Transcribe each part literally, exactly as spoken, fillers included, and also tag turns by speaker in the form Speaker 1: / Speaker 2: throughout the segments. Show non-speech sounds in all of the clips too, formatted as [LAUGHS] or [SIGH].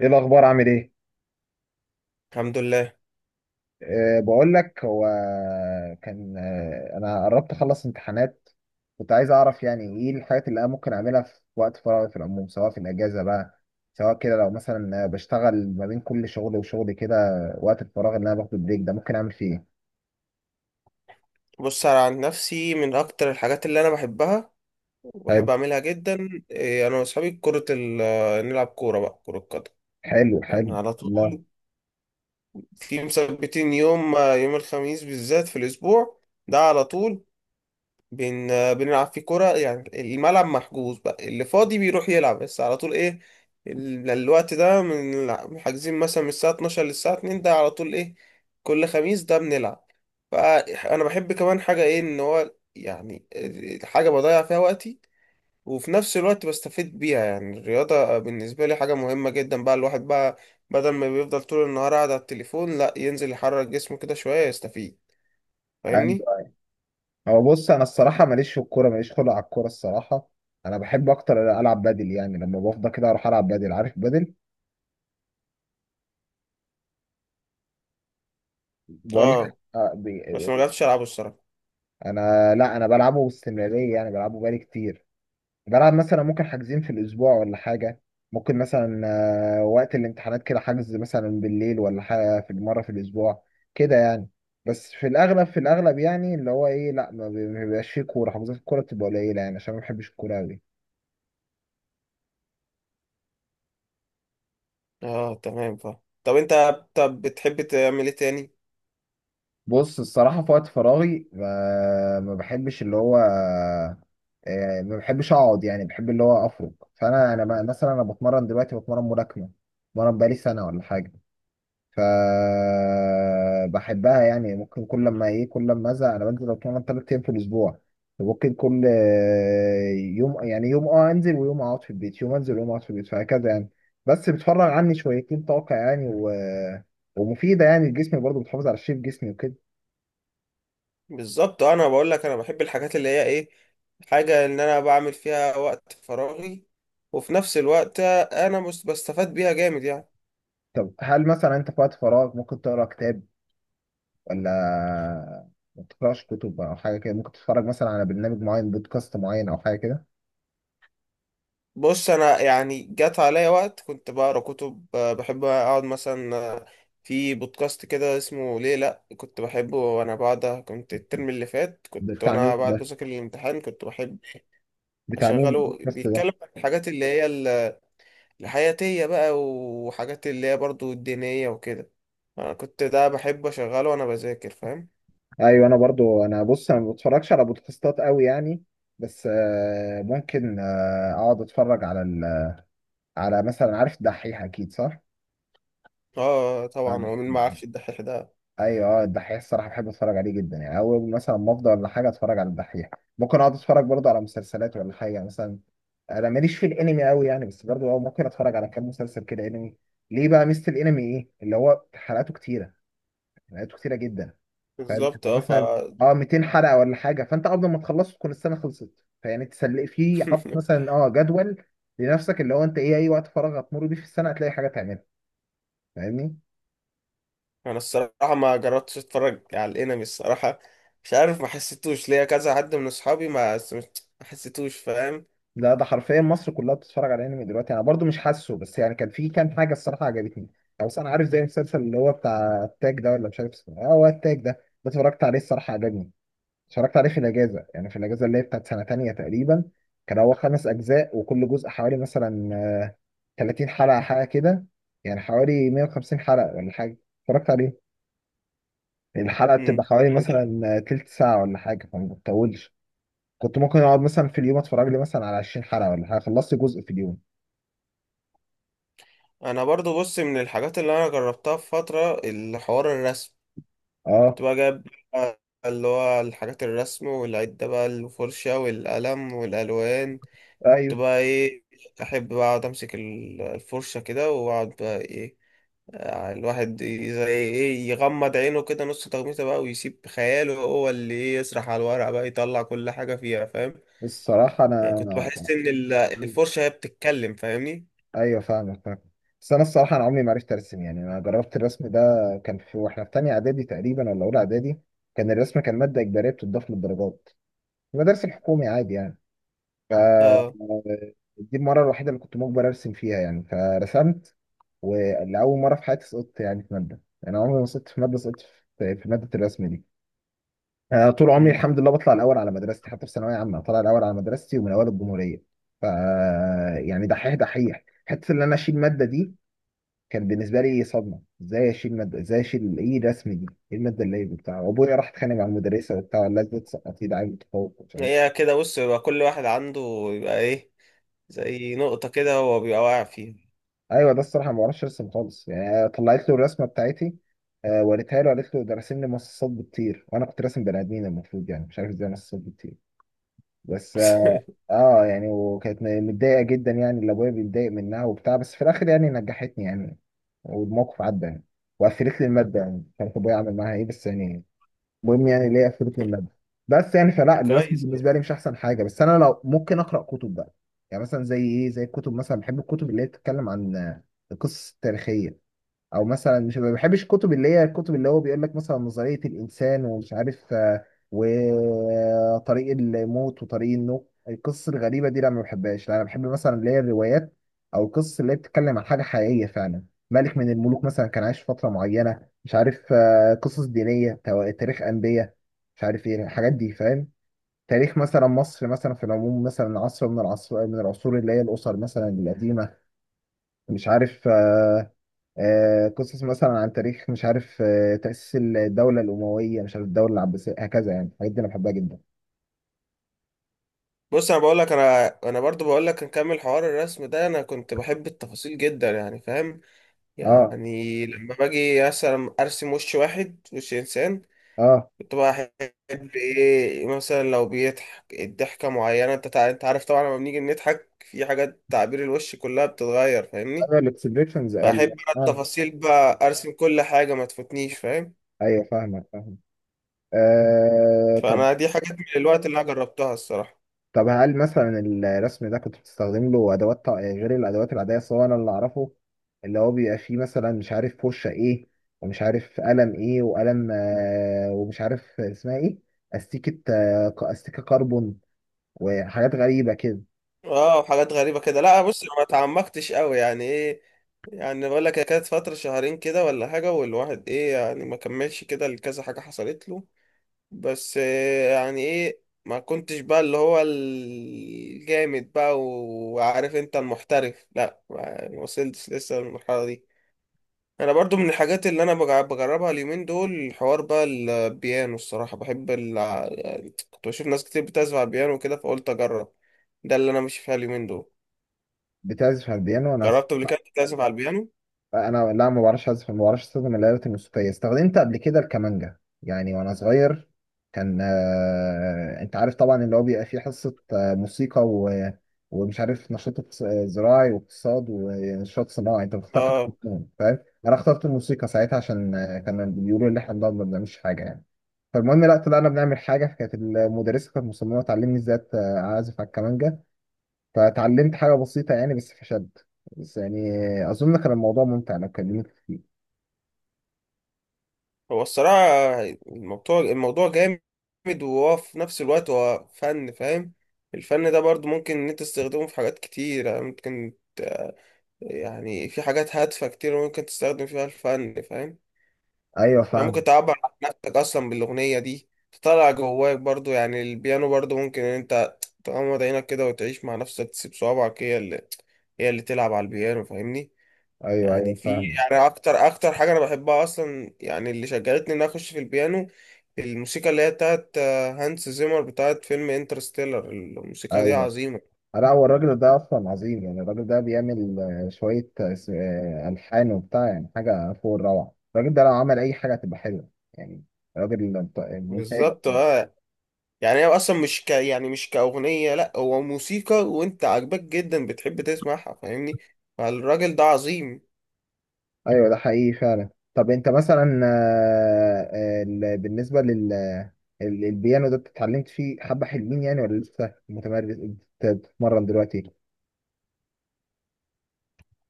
Speaker 1: ايه الاخبار؟ عامل ايه؟
Speaker 2: الحمد لله.
Speaker 1: أه بقول لك. هو كان، أه انا قربت اخلص امتحانات. كنت عايز اعرف يعني ايه الحاجات اللي انا ممكن اعملها في وقت فراغي في العموم، سواء في الاجازه بقى، سواء كده لو مثلا بشتغل ما بين كل شغل وشغل كده، وقت الفراغ اللي انا باخده بريك ده ممكن اعمل فيه
Speaker 2: بص، انا عن نفسي من اكتر الحاجات اللي انا بحبها
Speaker 1: ايه.
Speaker 2: وبحب
Speaker 1: حلو،
Speaker 2: اعملها جدا إيه، انا واصحابي كرة ال آه، نلعب كورة بقى كرة قدم.
Speaker 1: حلو، حلو.
Speaker 2: يعني على
Speaker 1: لا.
Speaker 2: طول، في مثبتين يوم آه، يوم الخميس بالذات في الاسبوع ده على طول بن... بنلعب فيه كرة. يعني الملعب محجوز بقى، اللي فاضي بيروح يلعب بس. على طول ايه ال- الوقت ده، من الع- حاجزين مثلا من الساعة الثانية عشرة للساعة اتنين، ده على طول ايه. كل خميس ده بنلعب. فأنا بحب كمان حاجة ايه، ان هو يعني حاجة بضيع فيها وقتي وفي نفس الوقت بستفيد بيها. يعني الرياضة بالنسبة لي حاجة مهمة جدا بقى. الواحد بقى بدل ما بيفضل طول النهار قاعد على التليفون، لا، ينزل يحرك جسمه كده شوية يستفيد. فاهمني؟
Speaker 1: أيوة. هو بص، انا الصراحه ماليش في الكوره، ماليش خلق على الكوره الصراحه. انا بحب اكتر العب بادل، يعني لما بفضى كده اروح العب بادل. عارف بادل؟ بقول لك.
Speaker 2: اه. بس ما جربتش ألعبه الصراحة.
Speaker 1: انا، لا، انا بلعبه باستمراريه يعني، بلعبه بقالي كتير. بلعب مثلا ممكن حاجزين في الاسبوع ولا حاجه. ممكن مثلا آه، وقت الامتحانات كده، حجز مثلا بالليل ولا حاجه، في مره في الاسبوع كده يعني. بس في الاغلب في الاغلب يعني اللي هو ايه، لا، ما بي- ما بيبقاش فيه كوره، حجوزات الكوره بتبقى قليله يعني، عشان ما بحبش الكوره قوي.
Speaker 2: اه تمام فاهم. طب انت، طب بتحب تعمل ايه تاني؟
Speaker 1: بص الصراحه في وقت فراغي ما, ما بحبش اللي هو، آه، ما بحبش اقعد يعني، بحب اللي هو افرج. فانا، انا ب- مثلا انا بتمرن دلوقتي، بتمرن ملاكمه، بتمرن بقالي سنه ولا حاجه. فبحبها يعني، ممكن كل لما ايه، كل لما ازهق انا بنزل اتمرن ثلاث ايام في الاسبوع. ممكن كل آه، يوم، يعني يوم اه انزل ويوم اقعد في البيت، يوم انزل ويوم اقعد في البيت، فهكذا يعني. بس بتفرغ عني شويتين طاقة يعني، و... ومفيدة يعني، الجسم برضه بتحافظ على شيب جسمي وكده.
Speaker 2: بالظبط اه. انا بقول لك انا بحب الحاجات اللي هي ايه، حاجة ان انا بعمل فيها وقت فراغي وفي نفس الوقت انا مش بستفاد بيها جامد يعني.
Speaker 1: طب هل مثلا انت في وقت فراغ ممكن تقرا كتاب ولا ما بتقراش كتب او حاجة كده؟ ممكن تتفرج مثلا على برنامج معين، بودكاست معين او حاجة كده؟
Speaker 2: بص، انا يعني جات عليا وقت كنت بقرا كتب، آه، بحب اقعد مثلا آه، في بودكاست كده اسمه ليه لا كنت بحبه. وانا بعد كنت الترم اللي فات، كنت
Speaker 1: بتاع مين
Speaker 2: وانا بعد
Speaker 1: ده؟
Speaker 2: بذاكر الامتحان كنت بحب
Speaker 1: بتاع مين
Speaker 2: اشغله،
Speaker 1: البودكاست ده؟
Speaker 2: بيتكلم عن الحاجات اللي هي الحياتية بقى وحاجات اللي هي برضو الدينية وكده. أنا كنت ده بحب أشغله وأنا بذاكر، فاهم.
Speaker 1: ايوه، انا برضو، انا بص انا ما بتفرجش على بودكاستات قوي يعني. بس آه، ممكن آه، اقعد اتفرج على ال... على مثلا، عارف الدحيح اكيد، صح؟
Speaker 2: اه، آه، طبعا، هو
Speaker 1: أنا-
Speaker 2: مين ما عارفش الدحيح ده؟
Speaker 1: ايوه، آه، الدحيح الصراحه بحب اتفرج عليه جدا يعني، اول مثلا ما افضى ولا حاجه اتفرج على الدحيح. ممكن اقعد اتفرج برضو على مسلسلات ولا حاجه مثلا. انا ماليش في الانمي قوي يعني، بس برضو آه، ممكن اتفرج على كام مسلسل كده انمي. ليه بقى؟ ميزه الانمي ايه؟ اللي هو حلقاته كتيره، حلقاته كتيره جدا. فانت
Speaker 2: بالظبط اه. ف
Speaker 1: مثلا اه مئتين حلقه ولا حاجه، فانت قبل ما تخلصه تكون السنه خلصت. فيعني تسلق فيه، حاطط
Speaker 2: [LAUGHS]
Speaker 1: مثلا اه جدول لنفسك، اللي هو انت ايه، اي وقت فراغ هتمر بيه في السنه هتلاقي حاجه تعملها، فاهمني.
Speaker 2: أنا الصراحة ما جربتش أتفرج على الأنمي الصراحة. مش عارف، ما حسيتوش ليا، كذا حد من أصحابي ما حس- ما حسيتوش، فاهم.
Speaker 1: لا، ده حرفيا مصر كلها بتتفرج على انمي دلوقتي. انا برضو مش حاسه، بس يعني كان في كام حاجه الصراحه عجبتني. او بس انا عارف، زي المسلسل اللي هو بتاع التاج ده، ولا مش عارف اسمه إيه؟ اه، هو التاج ده. ده اتفرجت عليه الصراحه، عجبني. اتفرجت عليه في الاجازه، يعني في الاجازه اللي هي بتاعت سنه تانية تقريبا. كان هو خمس اجزاء، وكل جزء حوالي مثلا آه، تلاتين حلقه حاجه كده، يعني حوالي مئة وخمسين حلقه ولا حاجه. اتفرجت عليه، الحلقه
Speaker 2: مم.
Speaker 1: بتبقى حوالي مثلا آه، تلت ساعه ولا حاجه، فما بتطولش. كنت ممكن اقعد مثلا في اليوم اتفرج لي مثلا على عشرين حلقه ولا حاجه، خلصت جزء في اليوم.
Speaker 2: أنا برضو بص، من الحاجات اللي أنا جربتها في فترة الحوار الرسم.
Speaker 1: اه،
Speaker 2: كنت بقى جايب اللي هو الحاجات، الرسم والعدة بقى، الفرشة والقلم والألوان. كنت
Speaker 1: ايوه
Speaker 2: بقى ايه، احب بقى اقعد امسك ال- الفرشه كده واقعد بقى ايه، آه، الواحد ي- زي ايه، يغمض عينه كده نص تغميسه بقى ويسيب خياله هو اللي ايه، يسرح على الورق بقى، يطلع كل حاجه فيها، فاهم.
Speaker 1: الصراحه
Speaker 2: يعني كنت
Speaker 1: انا.
Speaker 2: بحس ان ال- الفرشه هي بتتكلم، فاهمني.
Speaker 1: ايوه، فاهمك، فاهم. بس انا الصراحه انا عمري ما عرفت ارسم يعني، انا جربت الرسم ده، كان في واحنا في تانية اعدادي تقريبا ولا اولى اعدادي. كان الرسم، كان ماده اجباريه بتضاف للدرجات في المدارس الحكومي عادي يعني. ف
Speaker 2: اه.
Speaker 1: دي المره الوحيده اللي كنت مجبر ارسم فيها يعني، فرسمت. ولأول مره في حياتي سقطت يعني في ماده، يعني انا عمري ما سقطت في ماده، سقطت في في ماده الرسم دي. أنا طول عمري
Speaker 2: مم.
Speaker 1: الحمد لله بطلع الاول على مدرستي، حتى في ثانويه عامه طلع الاول على مدرستي ومن اوائل الجمهوريه. ف يعني دحيح دحيح، حته ان انا اشيل ماده دي كان بالنسبه لي صدمه، ازاي اشيل ماده، ازاي اشيل ايه الرسم دي، ايه الماده اللي هي بتاع. وابويا راح اتخانق مع المدرسه وبتاع، لا ده تسقطي، ده عيل متفوق، مش عارف.
Speaker 2: هي كده بص، يبقى كل واحد عنده يبقى ايه، زي نقطه كده هو بيبقى واقع فيها.
Speaker 1: ايوه، ده الصراحه ما بعرفش ارسم خالص يعني. طلعت له الرسمه بتاعتي، آه، وريتها له، قالت له ده راسم لي مصاصات بتطير، وانا كنت راسم بني ادمين المفروض، يعني مش عارف ازاي مصاصات بتطير. بس اه
Speaker 2: [LAUGHS]
Speaker 1: آه، يعني وكانت متضايقه جدا يعني، اللي ابويا بيتضايق منها وبتاع، بس في الاخر يعني نجحتني يعني. والموقف عدى يعني، وقفلت لي الماده، يعني مش عارف ابويا عمل معاها ايه، بس يعني المهم، يعني ليه قفلت من الماده. بس يعني فلا، الرسم
Speaker 2: كويس.
Speaker 1: بالنسبه لي مش احسن حاجه. بس انا لو ممكن اقرا كتب بقى، يعني مثلا زي ايه، زي الكتب مثلا، بحب الكتب اللي هي بتتكلم عن القصص التاريخيه. او مثلا، مش ما بحبش الكتب اللي هي الكتب اللي هو بيقول لك مثلا نظرية الانسان ومش عارف آه، وطريق الموت وطريق النوم، القصص الغريبة دي لا ما بحبهاش. لا انا بحب مثلا اللي هي الروايات، او القصص اللي هي بتتكلم عن حاجة حقيقية فعلا، ملك من الملوك مثلا كان عايش فترة معينة، مش عارف آه، قصص دينية، تو- تاريخ انبياء، مش عارف ايه الحاجات دي فاهم. تاريخ مثلا مصر مثلا في العموم، مثلا عصر من العصر من العصور اللي هي الاسر مثلا القديمة، مش عارف آه، آه، قصص مثلا عن تاريخ، مش عارف آه، تأسيس الدولة الأموية، مش عارف الدولة العباسية، هكذا يعني الحاجات دي أنا بحبها جدا.
Speaker 2: بص انا بقول لك، انا انا برضو بقول لك نكمل حوار الرسم ده. انا كنت بحب التفاصيل جدا يعني، فاهم.
Speaker 1: اه،
Speaker 2: يعني لما باجي مثلا ارسم وش واحد، وش انسان،
Speaker 1: اه،
Speaker 2: كنت بقى احب ايه، مثلا لو بيضحك الضحكه معينه، انت تع- انت عارف طبعا لما بنيجي نضحك في حاجات تعبير الوش كلها بتتغير، فاهمني.
Speaker 1: ايوه الاكسبريشنز، قال
Speaker 2: فاحب بقى
Speaker 1: اه.
Speaker 2: التفاصيل بقى، ارسم كل حاجه ما تفوتنيش، فاهم.
Speaker 1: ايوه، فاهمك، فاهم. آه طب
Speaker 2: فانا دي حاجات من الوقت اللي انا جربتها الصراحه.
Speaker 1: طب هل مثلا الرسم ده كنت بتستخدم له ادوات تع- غير الادوات العاديه؟ اصل هو انا اللي اعرفه اللي هو بيبقى فيه مثلا، مش عارف فرشه ايه، ومش عارف قلم ايه، وقلم آه ومش عارف اسمها ايه، استيكه، آه ك- استيكه كربون، وحاجات غريبه كده.
Speaker 2: اه، وحاجات غريبة كده، لا. بص أنا ما اتعمقتش قوي يعني ايه، يعني بقول لك هي كانت فترة شهرين كده ولا حاجة، والواحد ايه يعني ما كملش كده لكذا حاجة حصلت له. بس إيه يعني ايه، ما كنتش بقى اللي هو الجامد بقى وعارف انت المحترف، لا، ما ما وصلتش لسه للمرحلة دي. انا برضو من الحاجات اللي انا بجع- بجربها اليومين دول، حوار بقى البيانو الصراحة. بحب ال... يعني كنت بشوف ناس كتير بتعزف على البيانو وكده، فقلت اجرب. ده اللي انا ماشي فيها اليومين دول.
Speaker 1: بتعزف على البيانو؟ انا س-
Speaker 2: جربت قبل كده تعزف على البيانو؟
Speaker 1: انا لا، ما بعرفش اعزف. ما بعرفش استخدم الآلات الموسيقية. استخدمت قبل كده الكمانجا، يعني وانا صغير، كان آه... انت عارف طبعا اللي هو بيبقى فيه حصة آه، موسيقى و... ومش عارف نشاط اقتص- آه، زراعي، واقتصاد، ونشاط صناعي، انت بتختار حاجة
Speaker 2: اه،
Speaker 1: منهم فاهم. انا اخترت الموسيقى ساعتها، عشان آه، كانوا بيقولوا ان احنا بنقعد ما بنعملش حاجة يعني. فالمهم، لا طلعنا بنعمل حاجة، كانت المدرسة كانت مصممة تعلمني ازاي أت- آه، اعزف على الكمانجا. فتعلمت حاجة بسيطة يعني، بس فشد بس يعني. أظن كان الموضوع ممتع لو كلمت فيه.
Speaker 2: هو الصراحة الموضوع الموضوع جامد، وهو في نفس الوقت هو فن، فاهم. الفن ده برضو ممكن ان انت تستخدمه في حاجات كتير. يعني ممكن ت- يعني في حاجات هادفة كتير ممكن تستخدم فيها الفن، فاهم.
Speaker 1: أيوه
Speaker 2: يعني
Speaker 1: فاهم.
Speaker 2: ممكن تعبر عن نفسك اصلا بالاغنية دي، تطلع جواك برضو. يعني البيانو برضو ممكن ان انت تغمض عينك كده وتعيش مع نفسك، تسيب صوابعك هي اللي هي اللي تلعب على البيانو، فاهمني.
Speaker 1: أيوه،
Speaker 2: يعني
Speaker 1: أيوه
Speaker 2: في،
Speaker 1: فاهم.
Speaker 2: يعني اكتر اكتر حاجه انا بحبها اصلا، يعني اللي شجعتني ان أنا اخش في البيانو، الموسيقى اللي هي بتاعت آه، هانس زيمر بتاعت فيلم انترستيلر. الموسيقى دي
Speaker 1: أيوه،
Speaker 2: عظيمه.
Speaker 1: لا، هو الراجل ده أصلا عظيم يعني، الراجل ده بيعمل آه، شوية آه، س- آه، ألحان وبتاع، يعني حاجة فوق الروعة، الراجل ده لو عمل أي حاجة هتبقى حلوة يعني. راجل ممت- ممتاز.
Speaker 2: بالظبط اه. يعني هي اصلا مش ك يعني مش كاغنيه، لا، هو موسيقى وانت عاجباك جدا بتحب تسمعها، فاهمني. فالراجل ده عظيم.
Speaker 1: أيوه ده حقيقي فعلا. طب أنت مثلا آه، آه، ال- بالنسبة لل ال- البيانو ده، اتعلمت فيه حبة حلوين يعني، ولا لسه متمرس بت- بتتمرن دلوقتي؟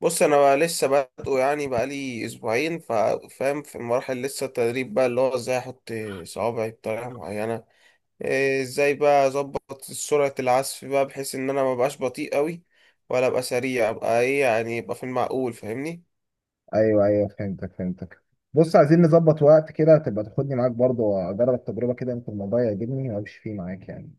Speaker 2: بص انا بقى لسه بادئه يعني، بقالي اسبوعين، فا- فاهم، في المراحل لسه التدريب بقى، اللي هو ازاي احط صوابعي بطريقه معينه، إيه، ازاي بقى اظبط سرعة العزف بقى بحيث ان انا ما بقاش بطيء قوي ولا ابقى سريع، ابقى ايه يعني يبقى في المعقول، فاهمني.
Speaker 1: ايوه، ايوه، فهمتك، فهمتك. بص عايزين نظبط وقت كده، تبقى تاخدني معاك برضه واجرب التجربه كده، يمكن الموضوع يعجبني وامشي فيه معاك يعني.